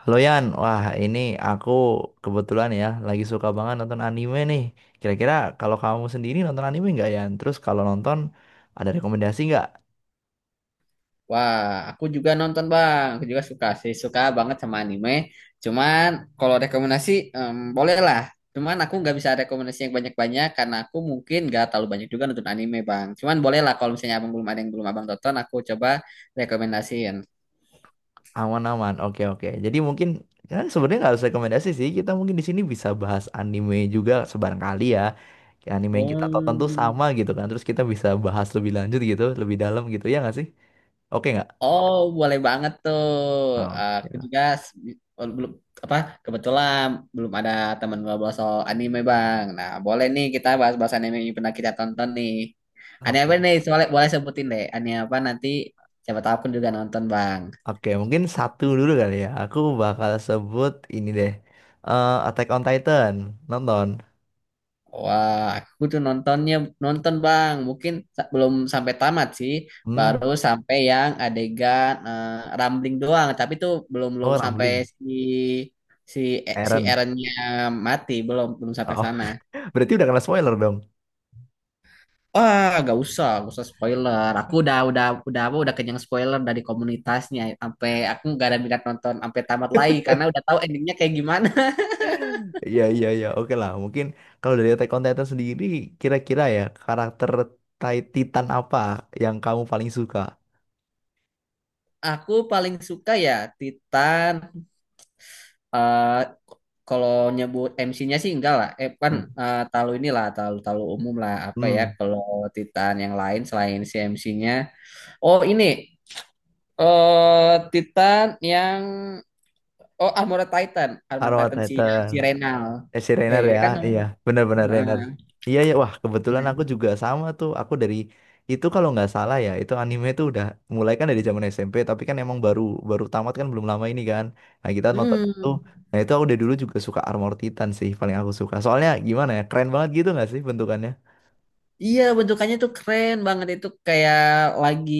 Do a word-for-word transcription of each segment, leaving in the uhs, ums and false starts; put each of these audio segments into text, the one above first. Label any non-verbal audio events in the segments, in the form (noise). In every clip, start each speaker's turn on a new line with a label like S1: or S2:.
S1: Halo Yan, wah ini aku kebetulan ya lagi suka banget nonton anime nih. Kira-kira, kalau kamu sendiri nonton anime nggak Yan? Terus kalau nonton ada rekomendasi nggak?
S2: Wah, aku juga nonton Bang. Aku juga suka sih, suka banget sama anime. Cuman kalau rekomendasi em, boleh lah. Cuman aku nggak bisa rekomendasi yang banyak-banyak karena aku mungkin nggak terlalu banyak juga nonton anime Bang. Cuman boleh lah kalau misalnya abang belum ada yang belum abang tonton, aku coba rekomendasiin.
S1: Aman-aman, oke oke. Jadi mungkin kan sebenarnya nggak harus rekomendasi sih. Kita mungkin di sini bisa bahas anime juga sebarangkali ya. Kayak anime yang kita tonton tuh
S2: Oh.
S1: sama gitu kan. Terus kita bisa bahas lebih lanjut gitu, lebih dalam gitu ya nggak sih? Oke nggak?
S2: Oh, boleh banget tuh. Eh,
S1: Oke.
S2: Aku juga s- oh, belum apa kebetulan belum ada teman ngobrol soal anime, Bang. Nah, boleh nih kita bahas-bahas anime yang pernah kita tonton nih. Anime apa
S1: Oke.
S2: nih? Soalnya boleh sebutin deh. Anime apa nanti siapa tahu pun juga nonton, Bang.
S1: Oke, mungkin satu dulu kali ya. Aku bakal sebut ini deh. Eh, Attack on Titan. Nonton.
S2: Wah, aku tuh nontonnya nonton Bang. Mungkin sa- belum sampai tamat sih, baru
S1: Hmm.
S2: sampai yang adegan eh, rambling doang. Tapi tuh belum belum
S1: Oh,
S2: sampai
S1: Rumbling.
S2: si si eh, si
S1: Eren.
S2: Eren-nya mati, belum belum sampai
S1: Oh,
S2: sana.
S1: (laughs) berarti udah kena spoiler dong.
S2: Wah, gak usah, gak usah spoiler. Aku udah udah udah apa udah kenyang spoiler dari komunitasnya. Sampai aku gak ada minat nonton sampai tamat lagi karena udah tahu endingnya kayak gimana.
S1: Iya, iya, iya. Oke lah. Mungkin kalau dari Attack on Titan sendiri, kira-kira ya, karakter Ti- Titan apa yang kamu paling suka?
S2: (laughs) Aku paling suka ya Titan eh kalau nyebut M C-nya sih enggak lah. Eh kan
S1: Hmm.
S2: eh, talu inilah, talu talu umum lah apa ya
S1: Hmm.
S2: kalau Titan yang lain selain si M C-nya. Oh ini eh Titan yang oh Armored Titan, Armored
S1: Arrow
S2: Titan si
S1: Titan.
S2: si Renal.
S1: Eh, si
S2: Eh
S1: Rainer
S2: dia
S1: ya,
S2: kan namanya.
S1: iya, benar-benar Rainer.
S2: Nah,
S1: Iya ya, wah kebetulan aku
S2: ini.
S1: juga sama tuh. Aku dari itu kalau nggak salah ya, itu anime tuh udah mulai kan dari zaman S M P, tapi kan emang baru baru tamat kan belum lama ini kan. Nah, kita nonton itu.
S2: Hmm.
S1: Nah, itu aku dari dulu juga suka Armor Titan sih, paling aku suka. Soalnya gimana ya, keren banget gitu nggak sih bentukannya?
S2: Iya, bentukannya tuh keren banget itu kayak lagi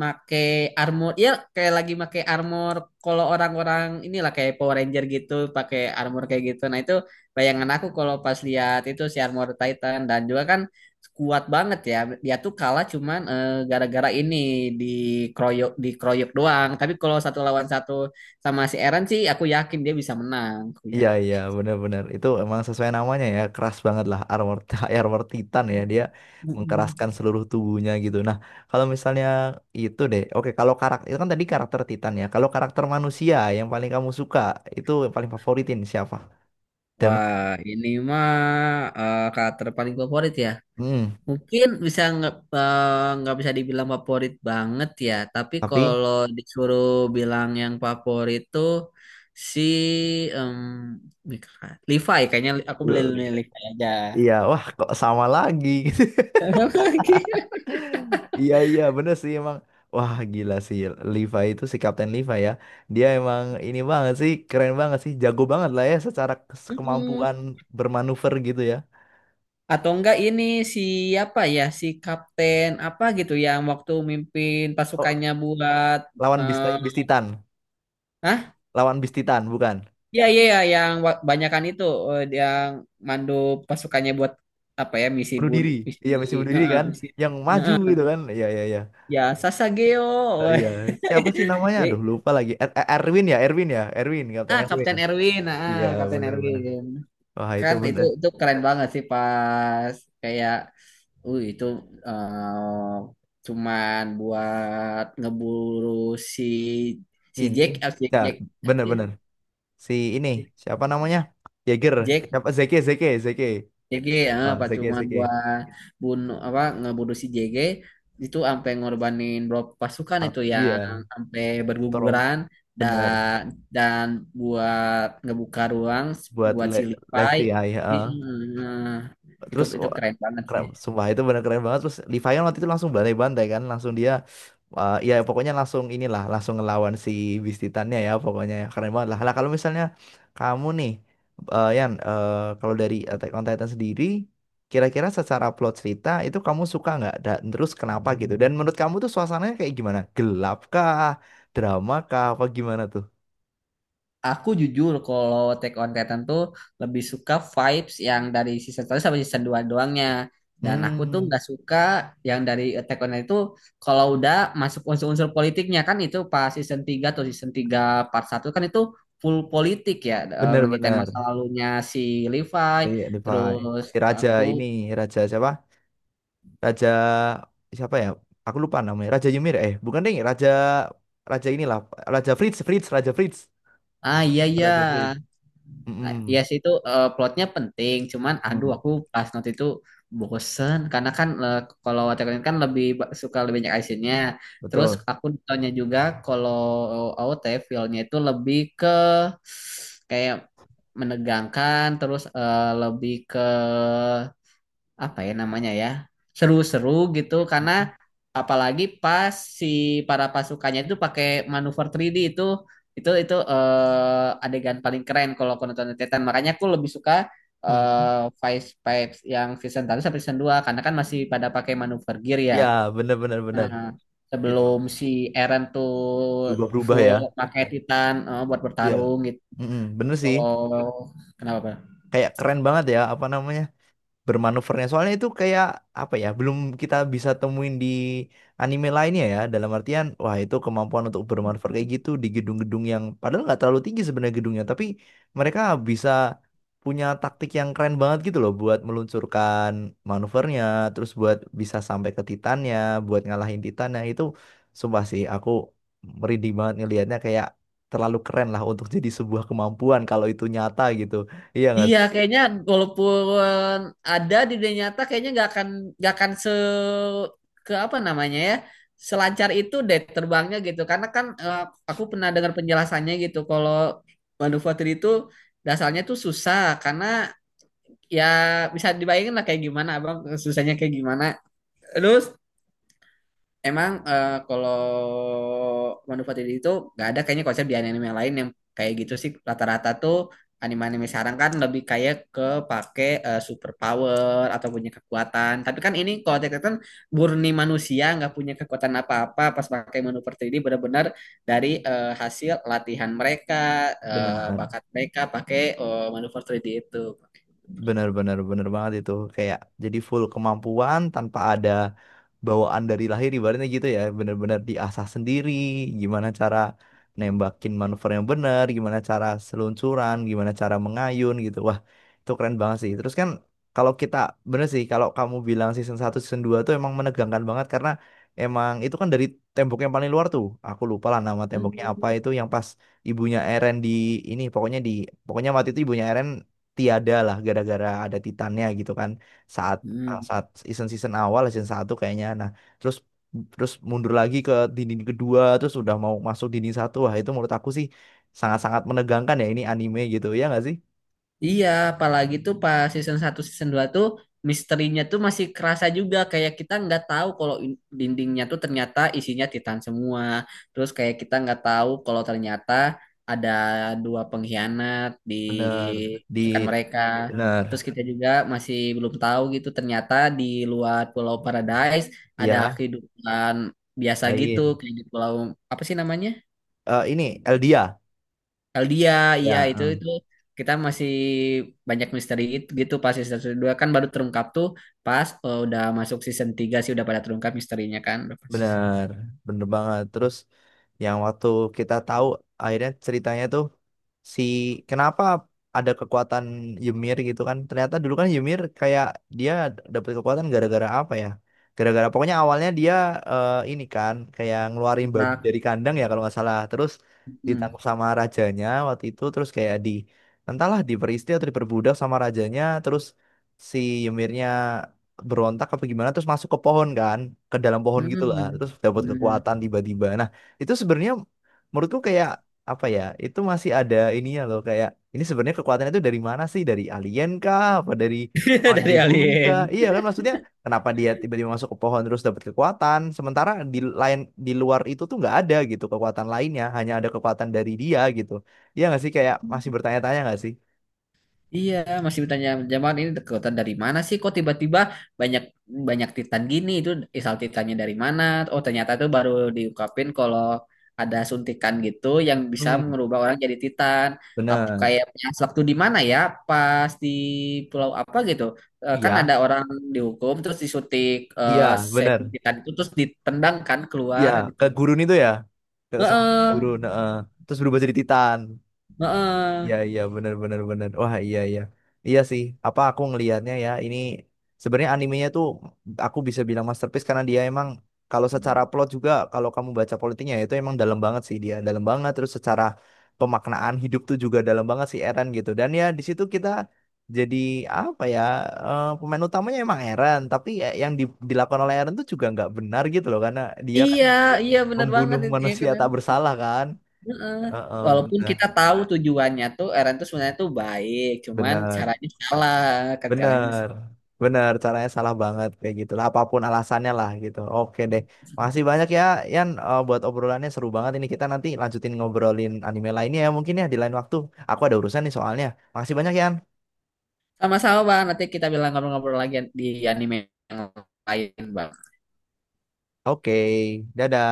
S2: make armor. Ya, kayak lagi make armor kalau orang-orang inilah kayak Power Ranger gitu, pakai armor kayak gitu. Nah, itu bayangan aku kalau pas lihat itu si Armor Titan dan juga kan kuat banget ya. Dia tuh kalah cuman eh, gara-gara ini dikeroyok dikeroyok doang. Tapi kalau satu lawan satu sama si Eren sih aku yakin dia bisa menang, aku ya.
S1: Iya iya, benar-benar itu emang sesuai namanya ya, keras banget lah armor (laughs) armor Titan ya, dia
S2: Mm-mm.
S1: mengkeraskan seluruh tubuhnya gitu. Nah, kalau misalnya itu deh, oke, kalau karakter itu kan tadi karakter Titan ya. Kalau karakter manusia yang paling kamu suka, itu yang paling favoritin siapa? Dan
S2: Wah, ini mah eh, karakter paling favorit ya.
S1: hmm,
S2: Mungkin bisa nggak eh, nggak bisa dibilang favorit banget ya, tapi
S1: tapi
S2: kalau disuruh bilang yang favorit tuh si em, Levi kayaknya aku beli
S1: eh,
S2: Levi aja.
S1: iya, wah kok sama lagi. (laughs)
S2: (laughs)
S1: Iya iya, bener sih emang, wah gila sih, Levi itu si Kapten Levi ya, dia emang ini banget sih, keren banget sih, jago banget lah ya, secara kes-
S2: Mm-mm.
S1: kemampuan bermanuver gitu ya.
S2: Atau enggak ini siapa ya si kapten apa gitu yang waktu mimpin
S1: Oh,
S2: pasukannya buat
S1: lawan bis bis Titan,
S2: eh,
S1: lawan bis Titan, bukan?
S2: Iya, iya, iya, yang wa- banyakan itu eh, yang mandu pasukannya buat apa ya misi
S1: Bunuh
S2: bun
S1: diri,
S2: misi
S1: iya, misi bunuh diri
S2: heeh,
S1: kan,
S2: misi
S1: yang maju gitu kan, iya iya iya.
S2: ya
S1: Eh,
S2: Sasageo.
S1: iya, siapa sih
S2: (laughs)
S1: namanya, aduh
S2: Jadi,
S1: lupa lagi, Er- Er- Erwin ya, Erwin ya, Erwin, Kapten
S2: ah
S1: Erwin.
S2: Kapten Erwin, ah
S1: Iya,
S2: Kapten
S1: bener bener,
S2: Erwin.
S1: wah itu
S2: Kan itu
S1: bener,
S2: itu keren banget sih pas kayak uh itu eh, cuman buat ngeburu si si
S1: ini
S2: Jack, ah, Jack
S1: ya,
S2: Jack
S1: bener bener si ini siapa namanya, Jaeger,
S2: Jack
S1: siapa, Zeke Zeke Zeke,
S2: J G eh,
S1: ah
S2: pas
S1: Zeke
S2: cuma dua
S1: Zeke.
S2: bunuh apa ngebunuh si J G itu sampai ngorbanin berapa pasukan
S1: Ah,
S2: itu yang
S1: iya,
S2: sampai
S1: Storm,
S2: berguguran
S1: benar,
S2: dan dan buat ngebuka ruang
S1: buat
S2: buat
S1: Le
S2: si Levi
S1: Levi ya,
S2: I-
S1: ya.
S2: eh, itu
S1: Terus
S2: itu
S1: wah,
S2: keren banget
S1: keren
S2: sih.
S1: sumpah, itu bener keren banget. Terus Livayon waktu itu langsung bantai-bantai kan, langsung dia eh, ya pokoknya langsung inilah, langsung ngelawan si Beast Titannya ya pokoknya, ya keren banget lah lah. Kalau misalnya kamu nih eh, Yan eh, kalau dari Attack on Titan sendiri, kira-kira secara plot cerita itu kamu suka nggak, dan terus kenapa gitu, dan menurut kamu tuh suasananya kayak gimana, gelap kah, drama kah, apa gimana tuh?
S2: Aku jujur kalau Attack on Titan tuh lebih suka vibes yang dari season satu sampai season dua doangnya. Dan aku tuh
S1: Hmm,
S2: nggak suka yang dari Attack on Titan itu kalau udah masuk unsur-unsur politiknya kan itu pas season tiga atau season tiga part satu kan itu full politik ya. eh, Ngeritain
S1: bener-bener.
S2: masa lalunya si Levi.
S1: Iya, Levi.
S2: Terus
S1: Si raja
S2: aku,
S1: ini, raja siapa, Raja siapa ya? Aku lupa namanya. Raja Ymir, eh, bukan deh, Raja Raja inilah, Raja Fritz, Fritz, Raja Fritz.
S2: ah iya iya.
S1: Raja Frit.
S2: Nah, Iya
S1: Mm-mm.
S2: sih itu eh, plotnya penting, cuman aduh
S1: Mm,
S2: aku pas nonton itu bosen karena kan eh, kalau Attack on Titan kan lebih ba- suka lebih banyak actionnya. Terus
S1: Betul.
S2: aku nontonnya juga kalau A O T feel-nya itu lebih ke kayak menegangkan, terus eh, lebih ke apa ya namanya ya seru-seru gitu karena
S1: Mhm.
S2: apalagi pas si para pasukannya itu pakai manuver tiga D itu itu itu eh, adegan paling keren kalau aku nonton Attack on Titan makanya aku lebih suka
S1: Mm.
S2: eh Vice Vibes yang season satu sampai season dua karena kan masih pada pakai manuver gear ya.
S1: Ya, bener bener bener.
S2: Nah,
S1: Itu
S2: sebelum si Eren tuh
S1: berubah-berubah
S2: full
S1: ya.
S2: pakai Titan eh, buat
S1: Iya.
S2: bertarung gitu
S1: Mm-mm, bener sih.
S2: kalau kenapa Pak?
S1: Kayak keren banget ya, apa namanya, bermanuvernya. Soalnya itu kayak apa ya, belum kita bisa temuin di anime lainnya ya. Dalam artian, wah itu kemampuan untuk bermanuver kayak gitu di gedung-gedung yang padahal nggak terlalu tinggi sebenarnya gedungnya, tapi mereka bisa punya taktik yang keren banget gitu loh buat meluncurkan manuvernya, terus buat bisa sampai ke Titannya, buat ngalahin Titannya itu, sumpah sih aku merinding banget ngelihatnya, kayak terlalu keren lah untuk jadi sebuah kemampuan kalau itu nyata gitu. Iya nggak
S2: Iya,
S1: sih?
S2: kayaknya walaupun ada di dunia nyata, kayaknya nggak akan nggak akan se ke apa namanya ya selancar itu deh terbangnya gitu. Karena kan eh, aku pernah dengar penjelasannya gitu. Kalau manufaktur itu dasarnya tuh susah karena ya bisa dibayangin lah kayak gimana abang susahnya kayak gimana. Terus Emang eh, kalau Wano Fatili itu nggak ada kayaknya konsep di anime yang lain yang kayak gitu sih. Rata-rata tuh anime-anime sekarang kan lebih kayak ke pakai eh, super power atau punya kekuatan. Tapi kan ini kalau Attack on Titan murni manusia nggak punya kekuatan apa-apa pas pakai Wano Fatili benar-benar dari eh, hasil latihan mereka, eh,
S1: Benar.
S2: bakat mereka pakai eh, Wano Fatili itu.
S1: Bener bener bener banget, itu kayak jadi full kemampuan tanpa ada bawaan dari lahir, ibaratnya gitu ya, bener-bener diasah sendiri, gimana cara nembakin manuver yang bener, gimana cara seluncuran, gimana cara mengayun gitu, wah itu keren banget sih. Terus kan kalau kita, bener sih kalau kamu bilang season satu season dua tuh emang menegangkan banget, karena emang itu kan dari tembok yang paling luar tuh, aku lupa lah nama temboknya apa itu, yang pas ibunya Eren di ini, pokoknya di, pokoknya waktu itu ibunya Eren tiada lah, gara-gara ada Titannya gitu kan, saat, ah,
S2: Hmm.
S1: saat season season awal season satu kayaknya. Nah, terus terus mundur lagi ke dinding kedua, terus udah mau masuk dinding satu, wah itu menurut aku sih sangat-sangat menegangkan ya, ini anime gitu ya nggak sih?
S2: Iya, apalagi tuh pas season satu season dua tuh misterinya tuh masih kerasa juga kayak kita nggak tahu kalau in- dindingnya tuh ternyata isinya titan semua. Terus kayak kita nggak tahu kalau ternyata ada dua pengkhianat di
S1: Bener, di,
S2: rekan mereka.
S1: bener,
S2: Terus kita juga masih belum tahu gitu ternyata di luar Pulau Paradise ada
S1: ya,
S2: kehidupan biasa gitu
S1: lain.
S2: kayak di pulau apa sih namanya?
S1: Eh, ini Eldia
S2: Eldia, iya
S1: ya,
S2: itu
S1: eh,
S2: itu kita masih banyak misteri itu gitu pas season dua kan baru terungkap tuh pas eh, udah masuk season tiga sih udah pada terungkap misterinya kan udah pas season
S1: bener bener banget. Terus yang waktu kita tahu akhirnya ceritanya tuh, si, kenapa ada kekuatan Ymir gitu kan, ternyata dulu kan Ymir kayak dia dapat kekuatan gara-gara apa ya, gara-gara pokoknya awalnya dia eh, ini kan kayak ngeluarin babi
S2: empat.
S1: dari kandang ya kalau nggak salah, terus
S2: Hmm.
S1: ditangkap sama rajanya waktu itu, terus kayak di entahlah diperistri atau diperbudak sama rajanya, terus si Ymirnya berontak apa gimana, terus masuk ke pohon kan, ke dalam pohon gitu lah,
S2: Hmm.
S1: terus dapat
S2: Hmm.
S1: kekuatan tiba-tiba. Nah itu sebenarnya menurutku kayak apa ya, itu masih ada ininya loh, kayak ini sebenarnya kekuatannya itu dari mana sih, dari alien kah, apa dari,
S2: (laughs)
S1: apa dari
S2: Dari
S1: bumi kah,
S2: alien.
S1: iya kan, maksudnya kenapa dia tiba-tiba masuk ke pohon terus dapat kekuatan, sementara di lain, di luar itu tuh nggak ada gitu kekuatan lainnya, hanya ada kekuatan dari dia gitu, iya nggak sih, kayak masih bertanya-tanya nggak sih?
S2: Iya, masih bertanya zaman ini kekuatan dari mana sih? Kok tiba-tiba banyak banyak Titan gini? Itu asal Titannya dari mana? Oh, ternyata itu baru diungkapin kalau ada suntikan gitu yang bisa
S1: Hmm,
S2: merubah orang jadi Titan. Apa
S1: bener,
S2: kayaknya waktu di mana ya? Pas di pulau apa gitu? Eh, Kan
S1: iya
S2: ada orang dihukum terus disuntik eh,
S1: iya, bener,
S2: serum Titan itu terus ditendang kan
S1: iya,
S2: keluar.
S1: ke
S2: Ditendang.
S1: gurun itu ya, ke, sama
S2: Heeh,
S1: gurun, heeh. Terus berubah jadi Titan.
S2: heeh.
S1: Iya iya, bener bener bener. Wah, iya iya. Iya sih. Apa, aku ngelihatnya ya, ini sebenarnya animenya tuh, aku bisa bilang masterpiece karena dia emang, kalau secara plot juga, kalau kamu baca politiknya ya, itu emang dalam banget sih, dia dalam banget. Terus secara pemaknaan hidup tuh juga dalam banget sih Eren gitu, dan ya di situ kita jadi apa ya, eh pemain utamanya emang Eren, tapi ya yang di- dilakukan oleh Eren tuh juga nggak benar gitu loh, karena dia kan
S2: Iya, iya bener banget.
S1: membunuh
S2: Iya,
S1: manusia
S2: kan.
S1: tak bersalah kan.
S2: Heeh.
S1: Heeh,
S2: Walaupun
S1: benar
S2: kita tahu tujuannya tuh Eren tuh sebenarnya tuh baik, cuman
S1: benar.
S2: caranya salah, kan caranya
S1: Bener, bener. Caranya salah banget kayak gitu lah. Apapun alasannya lah gitu. Oke deh. Makasih banyak ya, Yan, eh, buat obrolannya seru banget. Ini kita nanti lanjutin ngobrolin anime lainnya ya, mungkin ya, di lain waktu. Aku ada urusan nih soalnya. Makasih banyak, Yan.
S2: sama-sama bang. Nanti kita bilang ngobrol-ngobrol lagi di anime yang lain bang.
S1: Oke, dadah.